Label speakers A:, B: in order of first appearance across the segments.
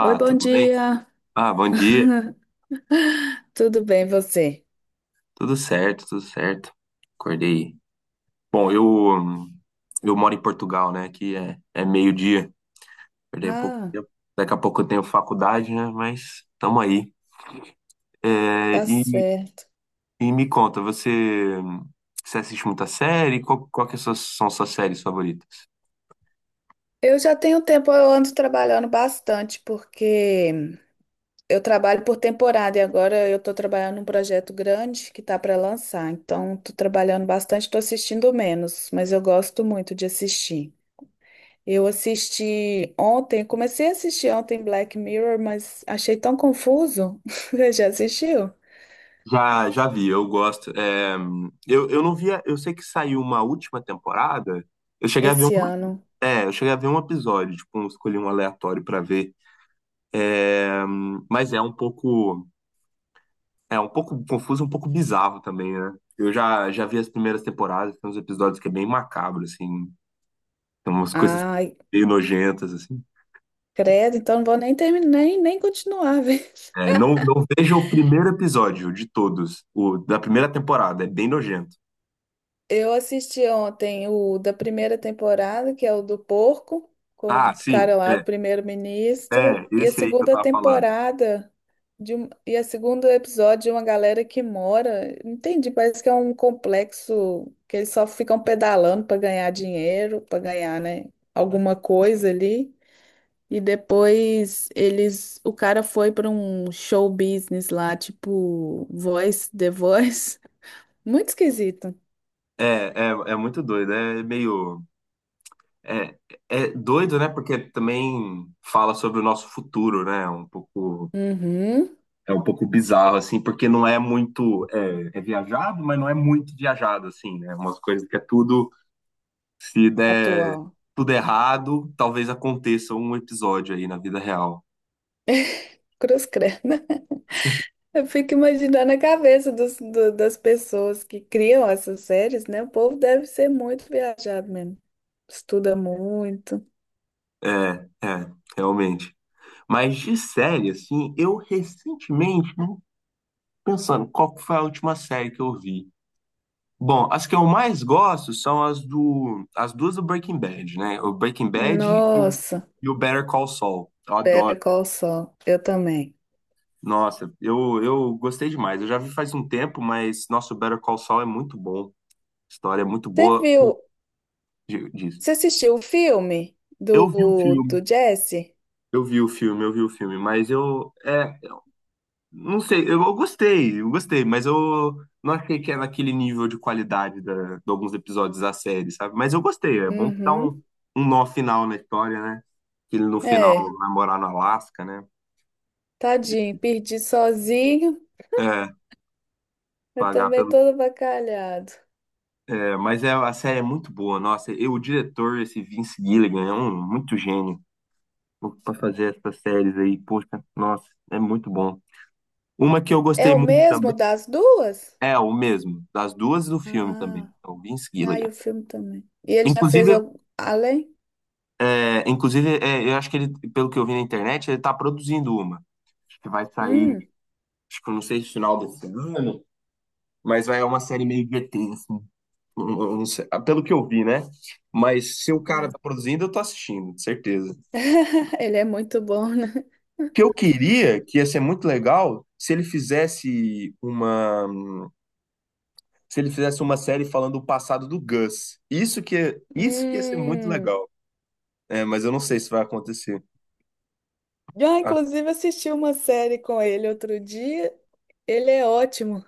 A: Oi, bom
B: tudo bem?
A: dia.
B: Ah, bom dia.
A: Tudo bem, você?
B: Tudo certo, tudo certo. Acordei. Bom, hum, eu moro em Portugal, né? Aqui é meio-dia. Acordei há pouco
A: Ah,
B: tempo. Daqui a pouco eu tenho faculdade, né? Mas tamo aí. É,
A: tá
B: e,
A: certo.
B: e me conta, você assiste muita série? Qual que são suas séries favoritas?
A: Eu já tenho tempo, eu ando trabalhando bastante, porque eu trabalho por temporada e agora eu tô trabalhando num projeto grande que tá para lançar. Então, tô trabalhando bastante, tô assistindo menos, mas eu gosto muito de assistir. Comecei a assistir ontem Black Mirror, mas achei tão confuso. Você já assistiu?
B: Já, já vi, eu gosto. Eu não via, eu sei que saiu uma última temporada. Eu cheguei a ver um,
A: Esse ano.
B: eu cheguei a ver um episódio, tipo, eu escolhi um aleatório pra ver. É, mas é um pouco, é um pouco confuso, um pouco bizarro também, né? Eu já vi as primeiras temporadas, tem uns episódios que é bem macabro, assim, tem umas coisas
A: Ah,
B: meio nojentas, assim.
A: credo, então não vou nem terminar, nem continuar, velho.
B: É, não, não veja o primeiro episódio de todos, o da primeira temporada, é bem nojento.
A: Eu assisti ontem o da primeira temporada, que é o do porco, com o
B: Ah, sim,
A: cara lá
B: é,
A: do primeiro-ministro,
B: é
A: e a
B: esse aí que eu
A: segunda
B: tava falando.
A: temporada e a segundo episódio de uma galera que mora. Não entendi, parece que é um complexo que eles só ficam pedalando para ganhar dinheiro, para ganhar, né, alguma coisa ali. E depois o cara foi para um show business lá, tipo Voice, The Voice. Muito esquisito.
B: É, é, é muito doido, é meio. É, é doido, né? Porque também fala sobre o nosso futuro, né? Um pouco.
A: Uhum.
B: É um pouco bizarro, assim, porque não é muito. É, é viajado, mas não é muito viajado, assim, né? É umas coisas que é tudo. Se der
A: Atual.
B: tudo errado, talvez aconteça um episódio aí na vida real.
A: Cruz credo. Eu fico imaginando a cabeça das pessoas que criam essas séries, né? O povo deve ser muito viajado mesmo. Estuda muito.
B: É, é, realmente. Mas de série, assim, eu recentemente, né, pensando, qual que foi a última série que eu vi? Bom, as que eu mais gosto são as do, as duas do Breaking Bad, né? O Breaking Bad e o,
A: Nossa,
B: e o Better Call Saul. Eu
A: pera, qual o sol? Eu também.
B: Nossa, eu gostei demais. Eu já vi faz um tempo, mas nosso Better Call Saul é muito bom. História é muito
A: Você
B: boa.
A: viu?
B: Diz.
A: Você assistiu o filme
B: Eu vi o
A: do,
B: filme,
A: do Jesse?
B: eu vi o filme, eu vi o filme, mas eu não sei, eu gostei, mas eu não achei que é naquele nível de qualidade da, de alguns episódios da série, sabe? Mas eu gostei, é bom que dá um,
A: Uhum.
B: um nó final na história, né? Que ele no final
A: É,
B: namorar no Alasca, né?
A: tadinho, perdi sozinho.
B: É,
A: Eu
B: pagar
A: também
B: pelo.
A: todo avacalhado.
B: É, mas é, a série é muito boa, nossa. E o diretor, esse Vince Gilligan, é um muito gênio para fazer essas séries aí. Poxa, nossa, é muito bom. Uma que eu
A: É
B: gostei
A: o
B: muito
A: mesmo
B: também
A: das duas?
B: é o mesmo, das duas do filme também,
A: Ah.
B: é o Vince
A: Ah, e
B: Gilligan.
A: o filme também. E ele já fez
B: Inclusive,
A: algum, além?
B: inclusive é, eu acho que ele, pelo que eu vi na internet, ele tá produzindo uma. Acho que vai sair,
A: Hum.
B: acho que eu não sei se final desse ano, mas vai é uma série meio GT, assim. Eu não sei, pelo que eu vi, né? Mas se o cara
A: Ah.
B: tá produzindo, eu tô assistindo, de certeza.
A: Ele é muito bom, né?
B: Que eu queria, que ia ser muito legal, se ele fizesse uma série falando o passado do Gus. Isso que ia ser muito
A: Hum.
B: legal. É, mas eu não sei se vai acontecer.
A: Já,
B: Ah,
A: inclusive, assisti uma série com ele outro dia. Ele é ótimo.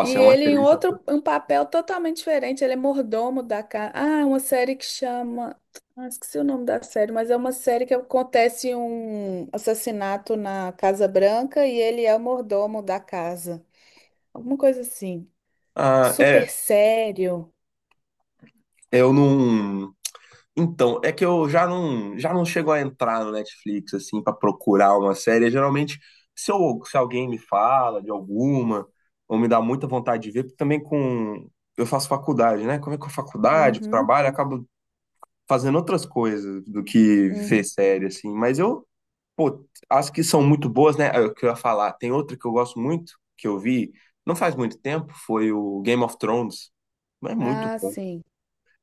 A: E
B: é uma
A: ele
B: excelente.
A: um papel totalmente diferente. Ele é mordomo da casa. Ah, uma série que chama. Ah, esqueci o nome da série, mas é uma série que acontece um assassinato na Casa Branca e ele é o mordomo da casa. Alguma coisa assim.
B: Ah, é,
A: Super sério.
B: eu não. Então, é que eu já não chego a entrar no Netflix assim para procurar uma série. Geralmente, se eu, se alguém me fala de alguma, ou me dá muita vontade de ver, porque também com eu faço faculdade, né? Como é que é a faculdade,
A: Uhum.
B: trabalho, acabo fazendo outras coisas do que ver
A: Uhum.
B: série, assim. Mas eu, pô, acho que são muito boas, né? É o que eu ia falar. Tem outra que eu gosto muito, que eu vi não faz muito tempo, foi o Game of Thrones. Mas é muito
A: Ah,
B: bom.
A: sim.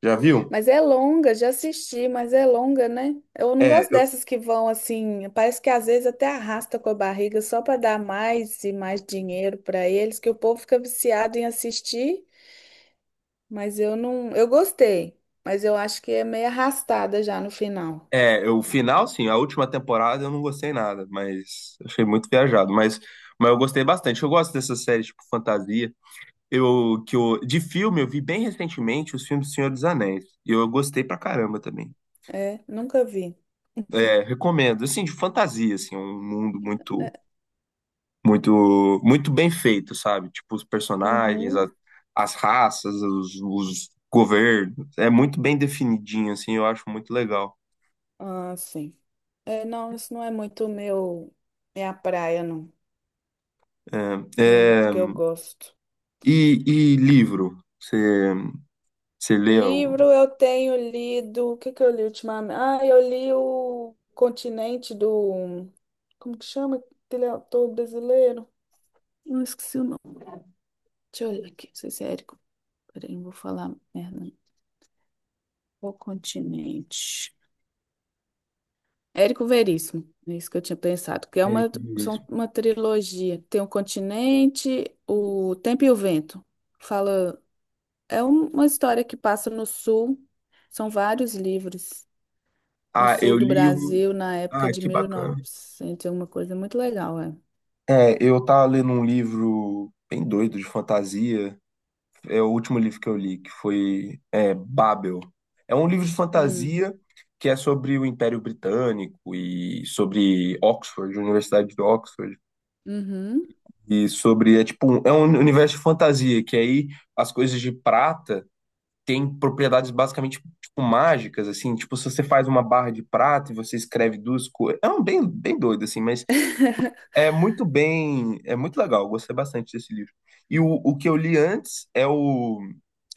B: Já viu?
A: Mas é longa, já assisti, mas é longa, né? Eu não
B: É,
A: gosto dessas que vão assim, parece que às vezes até arrasta com a barriga só para dar mais e mais dinheiro para eles, que o povo fica viciado em assistir, mas eu não, eu gostei, mas eu acho que é meio arrastada já no final.
B: é, o final, sim, a última temporada eu não gostei nada, mas achei muito viajado. Mas eu gostei bastante. Eu gosto dessas séries tipo fantasia. Eu, que eu, de filme, eu vi bem recentemente os filmes do Senhor dos Anéis. E eu gostei pra caramba também.
A: É, nunca vi.
B: É, recomendo. Assim, de fantasia, assim, um mundo muito, muito, muito bem feito, sabe? Tipo, os personagens,
A: Uhum.
B: as raças, os governos. É muito bem definidinho, assim, eu acho muito legal.
A: Ah, sim. É, não, isso não é muito meu, minha praia, não.
B: É,
A: Não é muito
B: é,
A: que eu gosto.
B: e livro? Você leu?
A: Livro eu tenho lido. O que que eu li ultimamente? Ah, eu li o Continente do. Como que chama aquele autor brasileiro? Não esqueci o nome. Deixa eu olhar aqui, não sei se é Érico. Peraí, não vou falar merda. O Continente. Érico Veríssimo, é isso que eu tinha pensado,
B: Eric Ries.
A: são uma trilogia. Tem o Continente, o Tempo e o Vento. Fala, é uma história que passa no sul. São vários livros, no
B: Ah,
A: sul
B: eu
A: do
B: li um.
A: Brasil na época
B: Ah,
A: de
B: que bacana.
A: 1900, uma coisa muito legal, é.
B: É, eu tava lendo um livro bem doido de fantasia. É o último livro que eu li, que foi é, Babel. É um livro de
A: Hum,
B: fantasia que é sobre o Império Britânico e sobre Oxford, Universidade de Oxford,
A: uhum.
B: e sobre, é tipo, é um universo de fantasia, que aí as coisas de prata têm propriedades basicamente tipo, mágicas, assim, tipo, se você faz uma barra de prata e você escreve duas coisas, é um bem, bem doido, assim, mas é muito bem, é muito legal, eu gostei bastante desse livro. E o que eu li antes é o.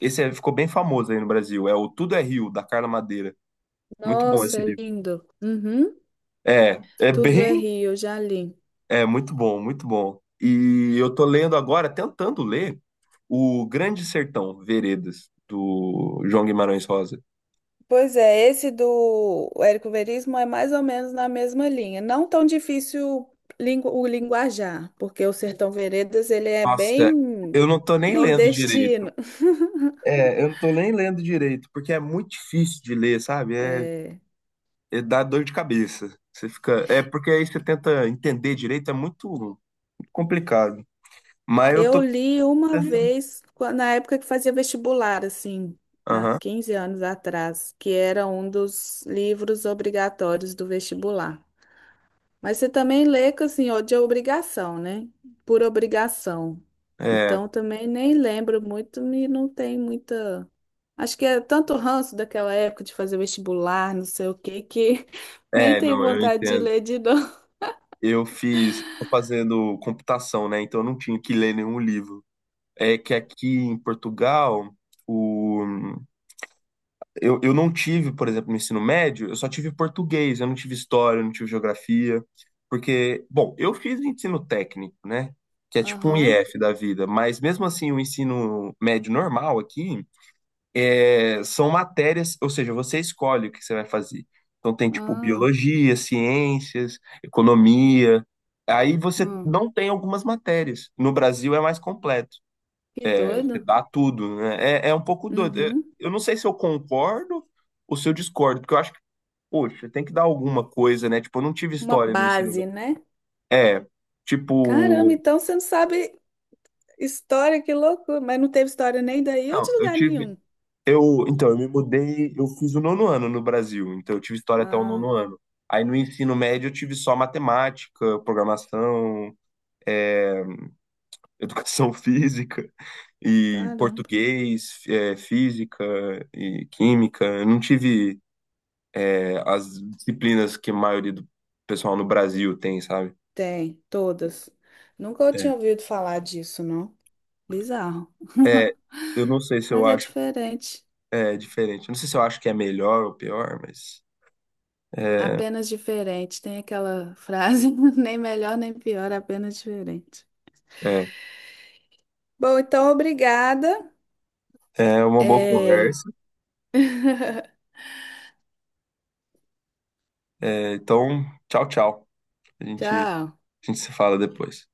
B: Ficou bem famoso aí no Brasil, é o Tudo é Rio, da Carla Madeira. Muito bom
A: Nossa,
B: esse
A: é
B: livro.
A: lindo. Uhum.
B: É, é
A: Tudo
B: bem.
A: é Rio, já li.
B: É muito bom, muito bom. E eu tô lendo agora, tentando ler, O Grande Sertão, Veredas, do João Guimarães Rosa.
A: Pois é, esse do Érico Veríssimo é mais ou menos na mesma linha. Não tão difícil o linguajar, porque o Sertão Veredas ele é
B: Nossa,
A: bem
B: eu não tô nem lendo direito.
A: nordestino.
B: É, eu não tô nem lendo direito, porque é muito difícil de ler, sabe? É,
A: É,
B: é, dá dor de cabeça. Você fica. É porque aí você tenta entender direito, é muito, muito complicado. Mas eu
A: eu
B: tô
A: li uma
B: tentando.
A: vez, na época que fazia vestibular, assim, há
B: Aham.
A: 15 anos atrás, que era um dos livros obrigatórios do vestibular. Mas você também lê, que, assim, ó, de obrigação, né? Por obrigação.
B: É.
A: Então, também nem lembro muito e não tem muita. Acho que é tanto ranço daquela época de fazer vestibular, não sei o quê, que nem
B: É,
A: tenho
B: não, eu
A: vontade de
B: entendo.
A: ler de novo.
B: Eu fiz, tô fazendo computação, né? Então eu não tinha que ler nenhum livro. É que aqui em Portugal, o eu não tive, por exemplo, no ensino médio, eu só tive português, eu não tive história, eu não tive geografia, porque, bom, eu fiz ensino técnico, né? Que é tipo um
A: Aham.
B: IF da vida, mas mesmo assim o ensino médio normal aqui é, são matérias, ou seja, você escolhe o que você vai fazer. Então tem tipo
A: Ah,
B: biologia, ciências, economia. Aí você
A: ah.
B: não tem algumas matérias. No Brasil é mais completo.
A: Que
B: Você
A: doido.
B: dá tudo, né? É, é um pouco doido.
A: Uhum.
B: Eu não sei se eu concordo ou se eu discordo, porque eu acho que, poxa, tem que dar alguma coisa, né? Tipo, eu não tive
A: Uma
B: história no ensino
A: base,
B: médio.
A: né?
B: É,
A: Caramba,
B: tipo,
A: então você não sabe história, que loucura. Mas não teve história nem daí ou
B: não,
A: de
B: eu
A: lugar
B: tive,
A: nenhum.
B: eu, então, eu me mudei, eu fiz o nono ano no Brasil, então eu tive história até o
A: Ah,
B: nono ano. Aí no ensino médio eu tive só matemática, programação, é, educação física e
A: caramba.
B: português, é, física e química. Eu não tive. É, as disciplinas que a maioria do pessoal no Brasil tem, sabe?
A: Tem, todas. Nunca eu
B: É.
A: tinha ouvido falar disso, não. Bizarro.
B: É, eu não sei se eu
A: Mas é
B: acho
A: diferente.
B: é, diferente. Eu não sei se eu acho que é melhor ou pior, mas é,
A: Apenas diferente. Tem aquela frase, nem melhor nem pior, apenas diferente.
B: é,
A: Bom, então obrigada.
B: é uma boa
A: É.
B: conversa. É, então, tchau, tchau. A gente,
A: Tchau.
B: a gente se fala depois.